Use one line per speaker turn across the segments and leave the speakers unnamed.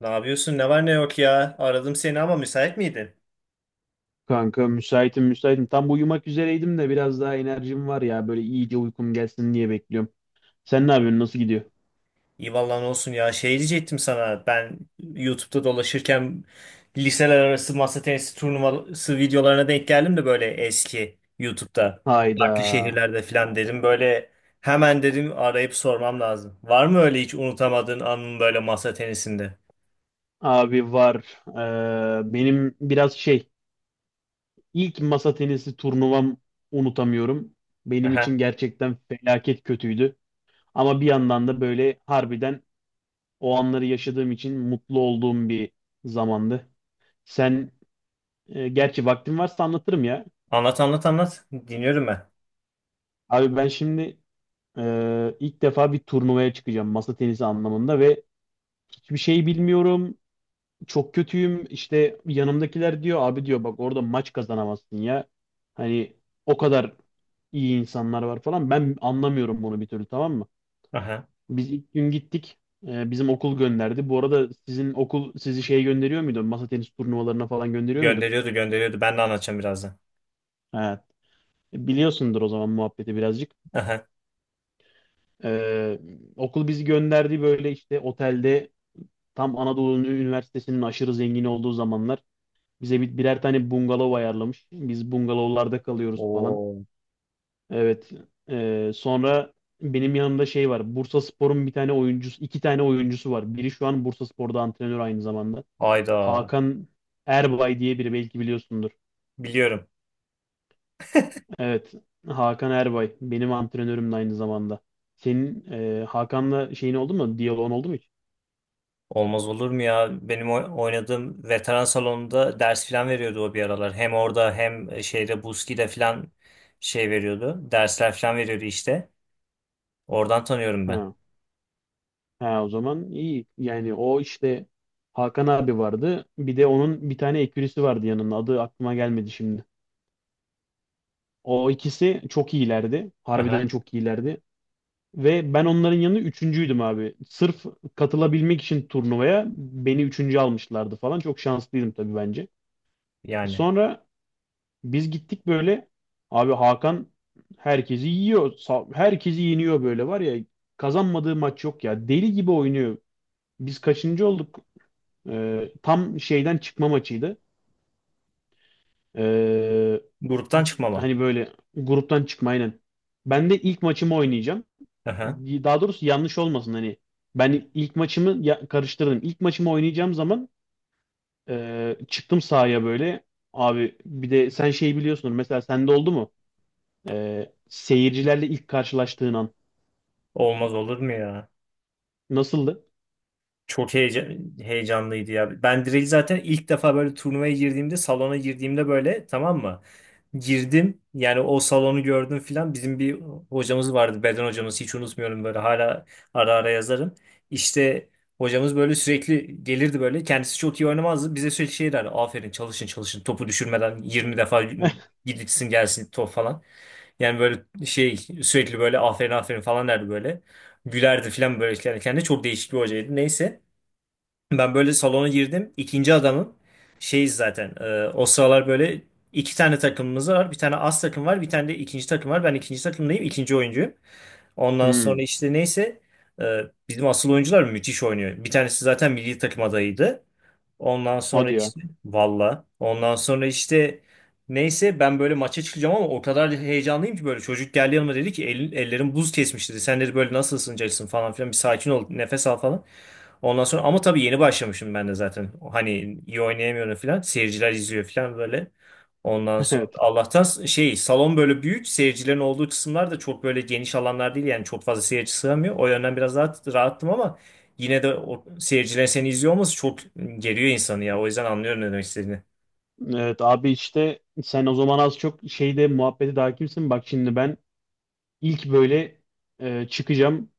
Ne yapıyorsun? Ne var ne yok ya? Aradım seni ama müsait miydin?
Kanka müsaitim müsaitim. Tam uyumak üzereydim de biraz daha enerjim var ya. Böyle iyice uykum gelsin diye bekliyorum. Sen ne yapıyorsun? Nasıl gidiyor?
İyi vallahi ne olsun ya. Şey diyecektim sana. Ben YouTube'da dolaşırken liseler arası masa tenisi turnuvası videolarına denk geldim de böyle eski YouTube'da. Farklı
Hayda.
şehirlerde falan dedim. Böyle hemen dedim arayıp sormam lazım. Var mı öyle hiç unutamadığın anın böyle masa tenisinde?
Abi var. Benim biraz şey, ilk masa tenisi turnuvam unutamıyorum. Benim
Aha.
için gerçekten felaket kötüydü. Ama bir yandan da böyle harbiden o anları yaşadığım için mutlu olduğum bir zamandı. Sen Gerçi vaktin varsa anlatırım ya.
Anlat anlat anlat. Dinliyorum ben.
Abi ben şimdi, ilk defa bir turnuvaya çıkacağım masa tenisi anlamında ve hiçbir şey bilmiyorum. Çok kötüyüm. İşte yanımdakiler diyor abi diyor bak orada maç kazanamazsın ya. Hani o kadar iyi insanlar var falan. Ben anlamıyorum bunu bir türlü, tamam mı?
Aha.
Biz ilk gün gittik. Bizim okul gönderdi. Bu arada sizin okul sizi şey gönderiyor muydu? Masa tenis turnuvalarına falan gönderiyor muydu?
Gönderiyordu gönderiyordu. Ben de anlatacağım birazdan.
Ha, biliyorsundur o zaman muhabbeti birazcık.
Aha.
Ee, Okul bizi gönderdi böyle işte otelde. Tam Anadolu Üniversitesi'nin aşırı zengin olduğu zamanlar bize birer tane bungalov ayarlamış. Biz bungalovlarda kalıyoruz falan.
Oo.
Evet. Sonra benim yanımda şey var. Bursaspor'un bir tane oyuncusu, iki tane oyuncusu var. Biri şu an Bursaspor'da antrenör aynı zamanda.
Ayda.
Hakan Erbay diye biri, belki biliyorsundur.
Biliyorum.
Evet. Hakan Erbay benim antrenörüm de aynı zamanda. Senin Hakan'la şeyin oldu mu? Diyaloğun oldu mu hiç?
Olmaz olur mu ya? Benim oynadığım veteran salonunda ders falan veriyordu o bir aralar. Hem orada hem şeyde Buski'de falan şey veriyordu. Dersler falan veriyordu işte. Oradan tanıyorum ben.
Ha. Ha, o zaman iyi. Yani o işte Hakan abi vardı. Bir de onun bir tane ekürisi vardı yanında. Adı aklıma gelmedi şimdi. O ikisi çok iyilerdi. Harbiden
Aha,
çok iyilerdi. Ve ben onların yanında üçüncüydüm abi. Sırf katılabilmek için turnuvaya beni üçüncü almışlardı falan. Çok şanslıydım tabii bence.
yani.
Sonra biz gittik böyle. Abi Hakan herkesi yiyor. Herkesi yeniyor böyle var ya. Kazanmadığı maç yok ya. Deli gibi oynuyor. Biz kaçıncı olduk? Tam şeyden çıkma maçıydı. Ee,
Gruptan çıkmama.
Hani böyle gruptan çıkma, aynen. Ben de ilk maçımı oynayacağım.
Aha.
Daha doğrusu yanlış olmasın hani. Ben ilk maçımı karıştırdım. İlk maçımı oynayacağım zaman, çıktım sahaya böyle. Abi bir de sen şey biliyorsunuz. Mesela sende oldu mu? Seyircilerle ilk karşılaştığın an
Olmaz olur mu ya?
nasıldı?
Çok heyecanlıydı ya. Ben direkt zaten ilk defa böyle turnuvaya girdiğimde, salona girdiğimde böyle, tamam mı? Girdim yani, o salonu gördüm filan. Bizim bir hocamız vardı, beden hocamız, hiç unutmuyorum, böyle hala ara ara yazarım. İşte hocamız böyle sürekli gelirdi, böyle kendisi çok iyi oynamazdı. Bize sürekli şey derdi, aferin çalışın çalışın topu düşürmeden 20 defa gidilsin gelsin top falan. Yani böyle şey, sürekli böyle aferin aferin falan derdi böyle. Gülerdi filan böyle, yani kendi çok değişik bir hocaydı, neyse. Ben böyle salona girdim. İkinci adamım. Şeyiz zaten. O sıralar böyle iki tane takımımız var. Bir tane as takım var. Bir tane de ikinci takım var. Ben ikinci takımdayım, ikinci oyuncuyum. Ondan
Hmm,
sonra işte neyse, e, bizim asıl oyuncular müthiş oynuyor. Bir tanesi zaten milli takım adayıydı. Ondan sonra
hadi ya.
işte valla. Ondan sonra işte neyse, ben böyle maça çıkacağım ama o kadar heyecanlıyım ki, böyle çocuk geldi yanıma, dedi ki "Elin- ellerim buz kesmiş," dedi. "Sen," dedi, "böyle nasıl ısınacaksın falan filan, bir sakin ol, nefes al falan." Ondan sonra ama tabii yeni başlamışım ben de zaten. Hani iyi oynayamıyorum falan. Seyirciler izliyor falan böyle. Ondan sonra
Evet.
Allah'tan şey, salon böyle büyük. Seyircilerin olduğu kısımlar da çok böyle geniş alanlar değil. Yani çok fazla seyirci sığamıyor. O yönden biraz daha rahattım ama yine de o seyircilerin seni izliyor olması çok geriyor insanı ya. O yüzden anlıyorum ne demek istediğini.
Evet abi işte sen o zaman az çok şeyde muhabbeti daha kimsin? Bak şimdi ben İlk böyle çıkacağım.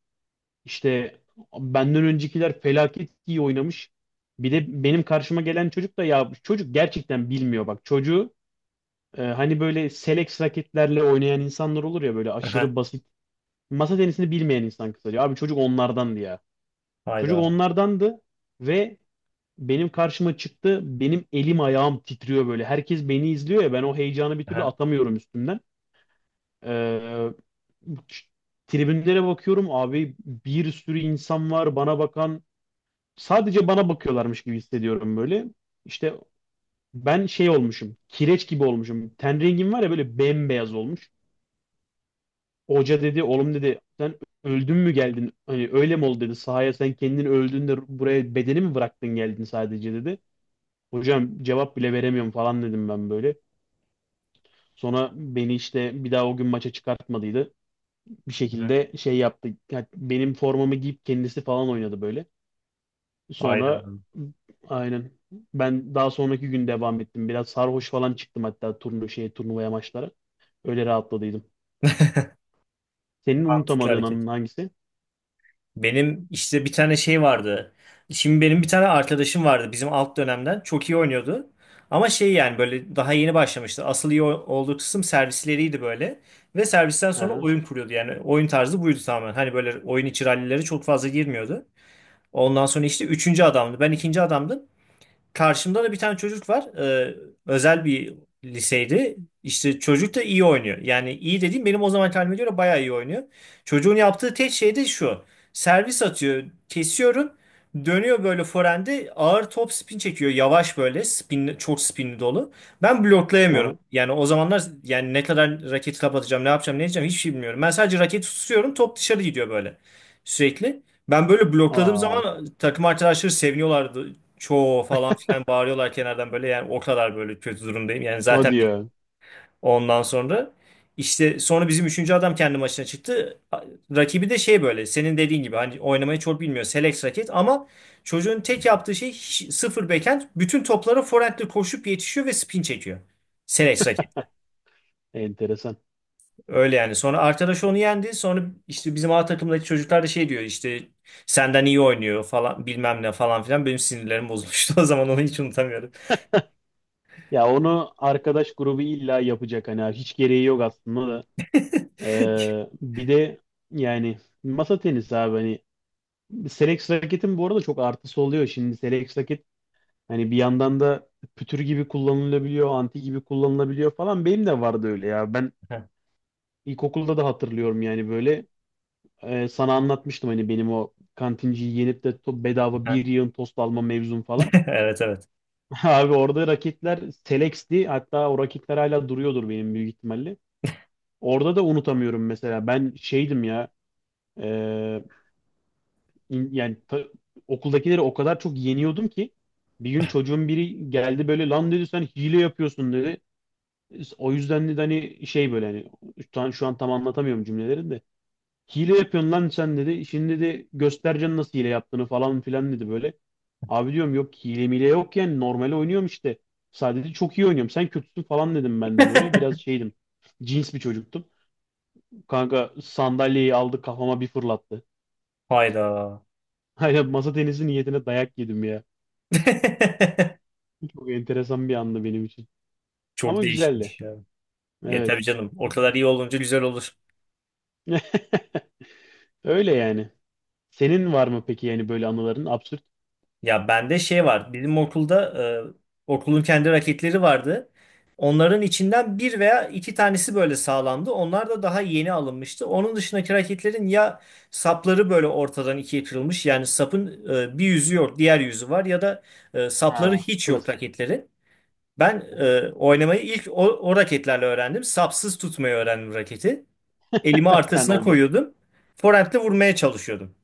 İşte benden öncekiler felaket iyi oynamış. Bir de benim karşıma gelen çocuk da ya bu çocuk gerçekten bilmiyor bak. Çocuğu, hani böyle select raketlerle oynayan insanlar olur ya, böyle
Aha.
aşırı basit. Masa tenisini bilmeyen insan kısaca. Abi çocuk onlardandı ya. Çocuk
Hayda.
onlardandı ve benim karşıma çıktı. Benim elim ayağım titriyor böyle. Herkes beni izliyor ya, ben o heyecanı bir türlü
Aha.
atamıyorum üstümden. E, Tribünlere bakıyorum abi, bir sürü insan var bana bakan. Sadece bana bakıyorlarmış gibi hissediyorum böyle. İşte ben şey olmuşum. Kireç gibi olmuşum. Ten rengim var ya, böyle bembeyaz olmuş. Hoca dedi oğlum dedi sen öldün mü geldin? Hani öyle mi oldu dedi. Sahaya sen kendin öldün de buraya bedeni mi bıraktın geldin sadece dedi. Hocam cevap bile veremiyorum falan dedim ben böyle. Sonra beni işte bir daha o gün maça çıkartmadıydı. Bir
Aha.
şekilde şey yaptı. Yani benim formamı giyip kendisi falan oynadı böyle.
Hayda.
Sonra aynen ben daha sonraki gün devam ettim. Biraz sarhoş falan çıktım hatta turnuvaya, maçlara. Öyle rahatladıydım. Senin
Mantıklı
unutamadığın
hareket.
anın hangisi?
Benim işte bir tane şey vardı. Şimdi benim bir tane arkadaşım vardı bizim alt dönemden. Çok iyi oynuyordu. Ama şey, yani böyle daha yeni başlamıştı. Asıl iyi olduğu kısım servisleriydi böyle. Ve servisten sonra
Aha,
oyun kuruyordu. Yani oyun tarzı buydu tamamen. Hani böyle oyun içi rallilere çok fazla girmiyordu. Ondan sonra işte üçüncü adamdı. Ben ikinci adamdım. Karşımda da bir tane çocuk var. Özel bir liseydi. İşte çocuk da iyi oynuyor. Yani iyi dediğim benim o zaman halime göre bayağı iyi oynuyor. Çocuğun yaptığı tek şey de şu. Servis atıyor, kesiyorum. Dönüyor böyle forehande ağır top spin çekiyor. Yavaş böyle spin, çok spinli dolu. Ben bloklayamıyorum.
aha.
Yani o zamanlar yani ne kadar raketi kapatacağım, ne yapacağım, ne edeceğim, hiçbir şey bilmiyorum. Ben sadece raketi tutuyorum, top dışarı gidiyor böyle sürekli. Ben böyle blokladığım
Aa,
zaman takım arkadaşları seviniyorlardı, çoğu falan filan bağırıyorlar kenardan böyle, yani o kadar böyle kötü durumdayım. Yani
o
zaten
diyor.
ondan sonra işte sonra bizim üçüncü adam kendi maçına çıktı. Rakibi de şey, böyle senin dediğin gibi hani oynamayı çok bilmiyor. Selex raket ama çocuğun tek yaptığı şey sıfır backhand. Bütün toplara forehandle koşup yetişiyor ve spin çekiyor. Selex raketle.
Enteresan.
Öyle yani. Sonra arkadaş onu yendi. Sonra işte bizim A takımdaki çocuklar da şey diyor, işte senden iyi oynuyor falan bilmem ne falan filan. Benim sinirlerim bozulmuştu o zaman, onu hiç unutamıyorum.
Ya onu arkadaş grubu illa yapacak, hani hiç gereği yok aslında da. Bir de yani masa tenisi abi hani Selex raketin bu arada çok artısı oluyor. Şimdi Selex hani bir yandan da pütür gibi kullanılabiliyor, anti gibi kullanılabiliyor falan. Benim de vardı öyle ya. Ben ilkokulda da hatırlıyorum yani böyle. Sana anlatmıştım hani benim o kantinciyi yenip de bedava bir yığın tost alma mevzum falan.
Evet, evet.
Abi orada raketler Selex'ti. Hatta o raketler hala duruyordur benim büyük ihtimalle. Orada da unutamıyorum mesela. Ben şeydim ya. e, in- yani ta- Okuldakileri o kadar çok yeniyordum ki. Bir gün çocuğun biri geldi böyle lan dedi sen hile yapıyorsun dedi. İşte o yüzden de hani şey böyle hani şu an tam anlatamıyorum cümleleri de. Hile yapıyorsun lan sen dedi. Şimdi de göstereceksin nasıl hile yaptığını falan filan dedi böyle. Abi diyorum yok, hile mile yok, yani normal oynuyorum işte. Sadece çok iyi oynuyorum. Sen kötüsün falan dedim ben de böyle. Biraz şeydim. Cins bir çocuktum. Kanka sandalyeyi aldı kafama bir fırlattı.
Hayda.
Aynen masa tenisi niyetine dayak yedim ya. Çok enteresan bir andı benim için.
Çok
Ama güzeldi.
değişmiş ya. Ya tabii
Evet.
canım. O kadar iyi olunca güzel olur.
Öyle yani. Senin var mı peki yani böyle anıların? Absürt.
Ya bende şey var. Bizim okulda okulun kendi raketleri vardı. Onların içinden bir veya iki tanesi böyle sağlamdı. Onlar da daha yeni alınmıştı. Onun dışındaki raketlerin ya sapları böyle ortadan ikiye kırılmış. Yani sapın bir yüzü yok, diğer yüzü var, ya da sapları
Ha,
hiç yok
klasik.
raketlerin. Ben
Aha.
oynamayı ilk o raketlerle öğrendim. Sapsız tutmayı öğrendim raketi. Elimi
Ben
arkasına
oldur.
koyuyordum. Forehand'le vurmaya çalışıyordum.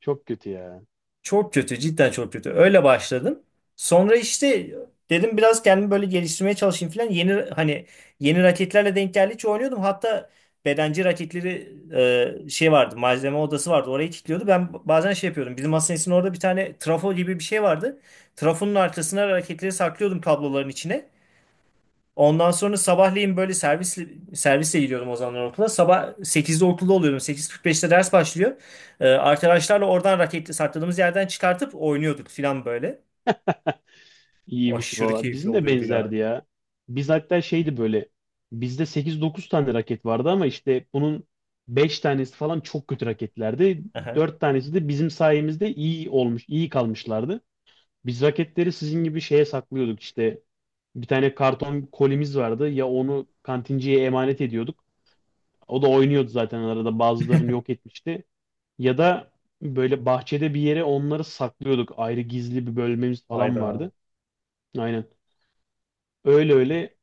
Çok kötü ya.
Çok kötü, cidden çok kötü. Öyle başladım. Sonra işte dedim biraz kendimi böyle geliştirmeye çalışayım falan. Yeni hani yeni raketlerle denk geldikçe oynuyordum. Hatta bedenci raketleri şey vardı, malzeme odası vardı. Orayı kilitliyordu. Ben bazen şey yapıyordum. Bizim hastanesinin orada bir tane trafo gibi bir şey vardı. Trafonun arkasına raketleri saklıyordum kabloların içine. Ondan sonra sabahleyin böyle servisle gidiyordum o zamanlar okula. Sabah 8'de okulda oluyordum. 8.45'te ders başlıyor. Arkadaşlarla oradan raketi sakladığımız yerden çıkartıp oynuyorduk filan böyle.
İyiymiş
Aşırı
valla.
keyifli
Bizim de
oluyordu ya.
benzerdi ya. Biz hatta şeydi böyle. Bizde 8-9 tane raket vardı ama işte bunun 5 tanesi falan çok kötü raketlerdi.
Aha.
4 tanesi de bizim sayemizde iyi olmuş, iyi kalmışlardı. Biz raketleri sizin gibi şeye saklıyorduk işte. Bir tane karton kolimiz vardı. Ya onu kantinciye emanet ediyorduk. O da oynuyordu zaten arada. Bazılarını yok etmişti. Ya da böyle bahçede bir yere onları saklıyorduk. Ayrı gizli bir bölmemiz falan
Hayda.
vardı. Aynen. Öyle öyle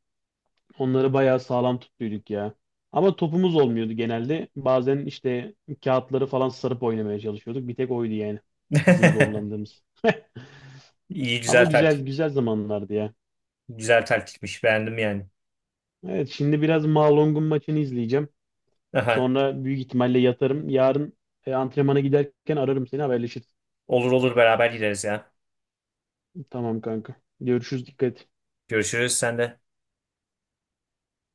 onları bayağı sağlam tutuyorduk ya. Ama topumuz olmuyordu genelde. Bazen işte kağıtları falan sarıp oynamaya çalışıyorduk. Bir tek oydu yani bizim zorlandığımız.
İyi,
Ama
güzel
güzel
taktik.
güzel zamanlardı ya.
Güzel taktikmiş. Beğendim yani.
Evet şimdi biraz Malong'un maçını izleyeceğim.
Aha.
Sonra büyük ihtimalle yatarım. Yarın antrenmana giderken ararım seni, haberleşiriz.
Olur olur, beraber gideriz ya.
Tamam kanka. Görüşürüz, dikkat et.
Görüşürüz sen de.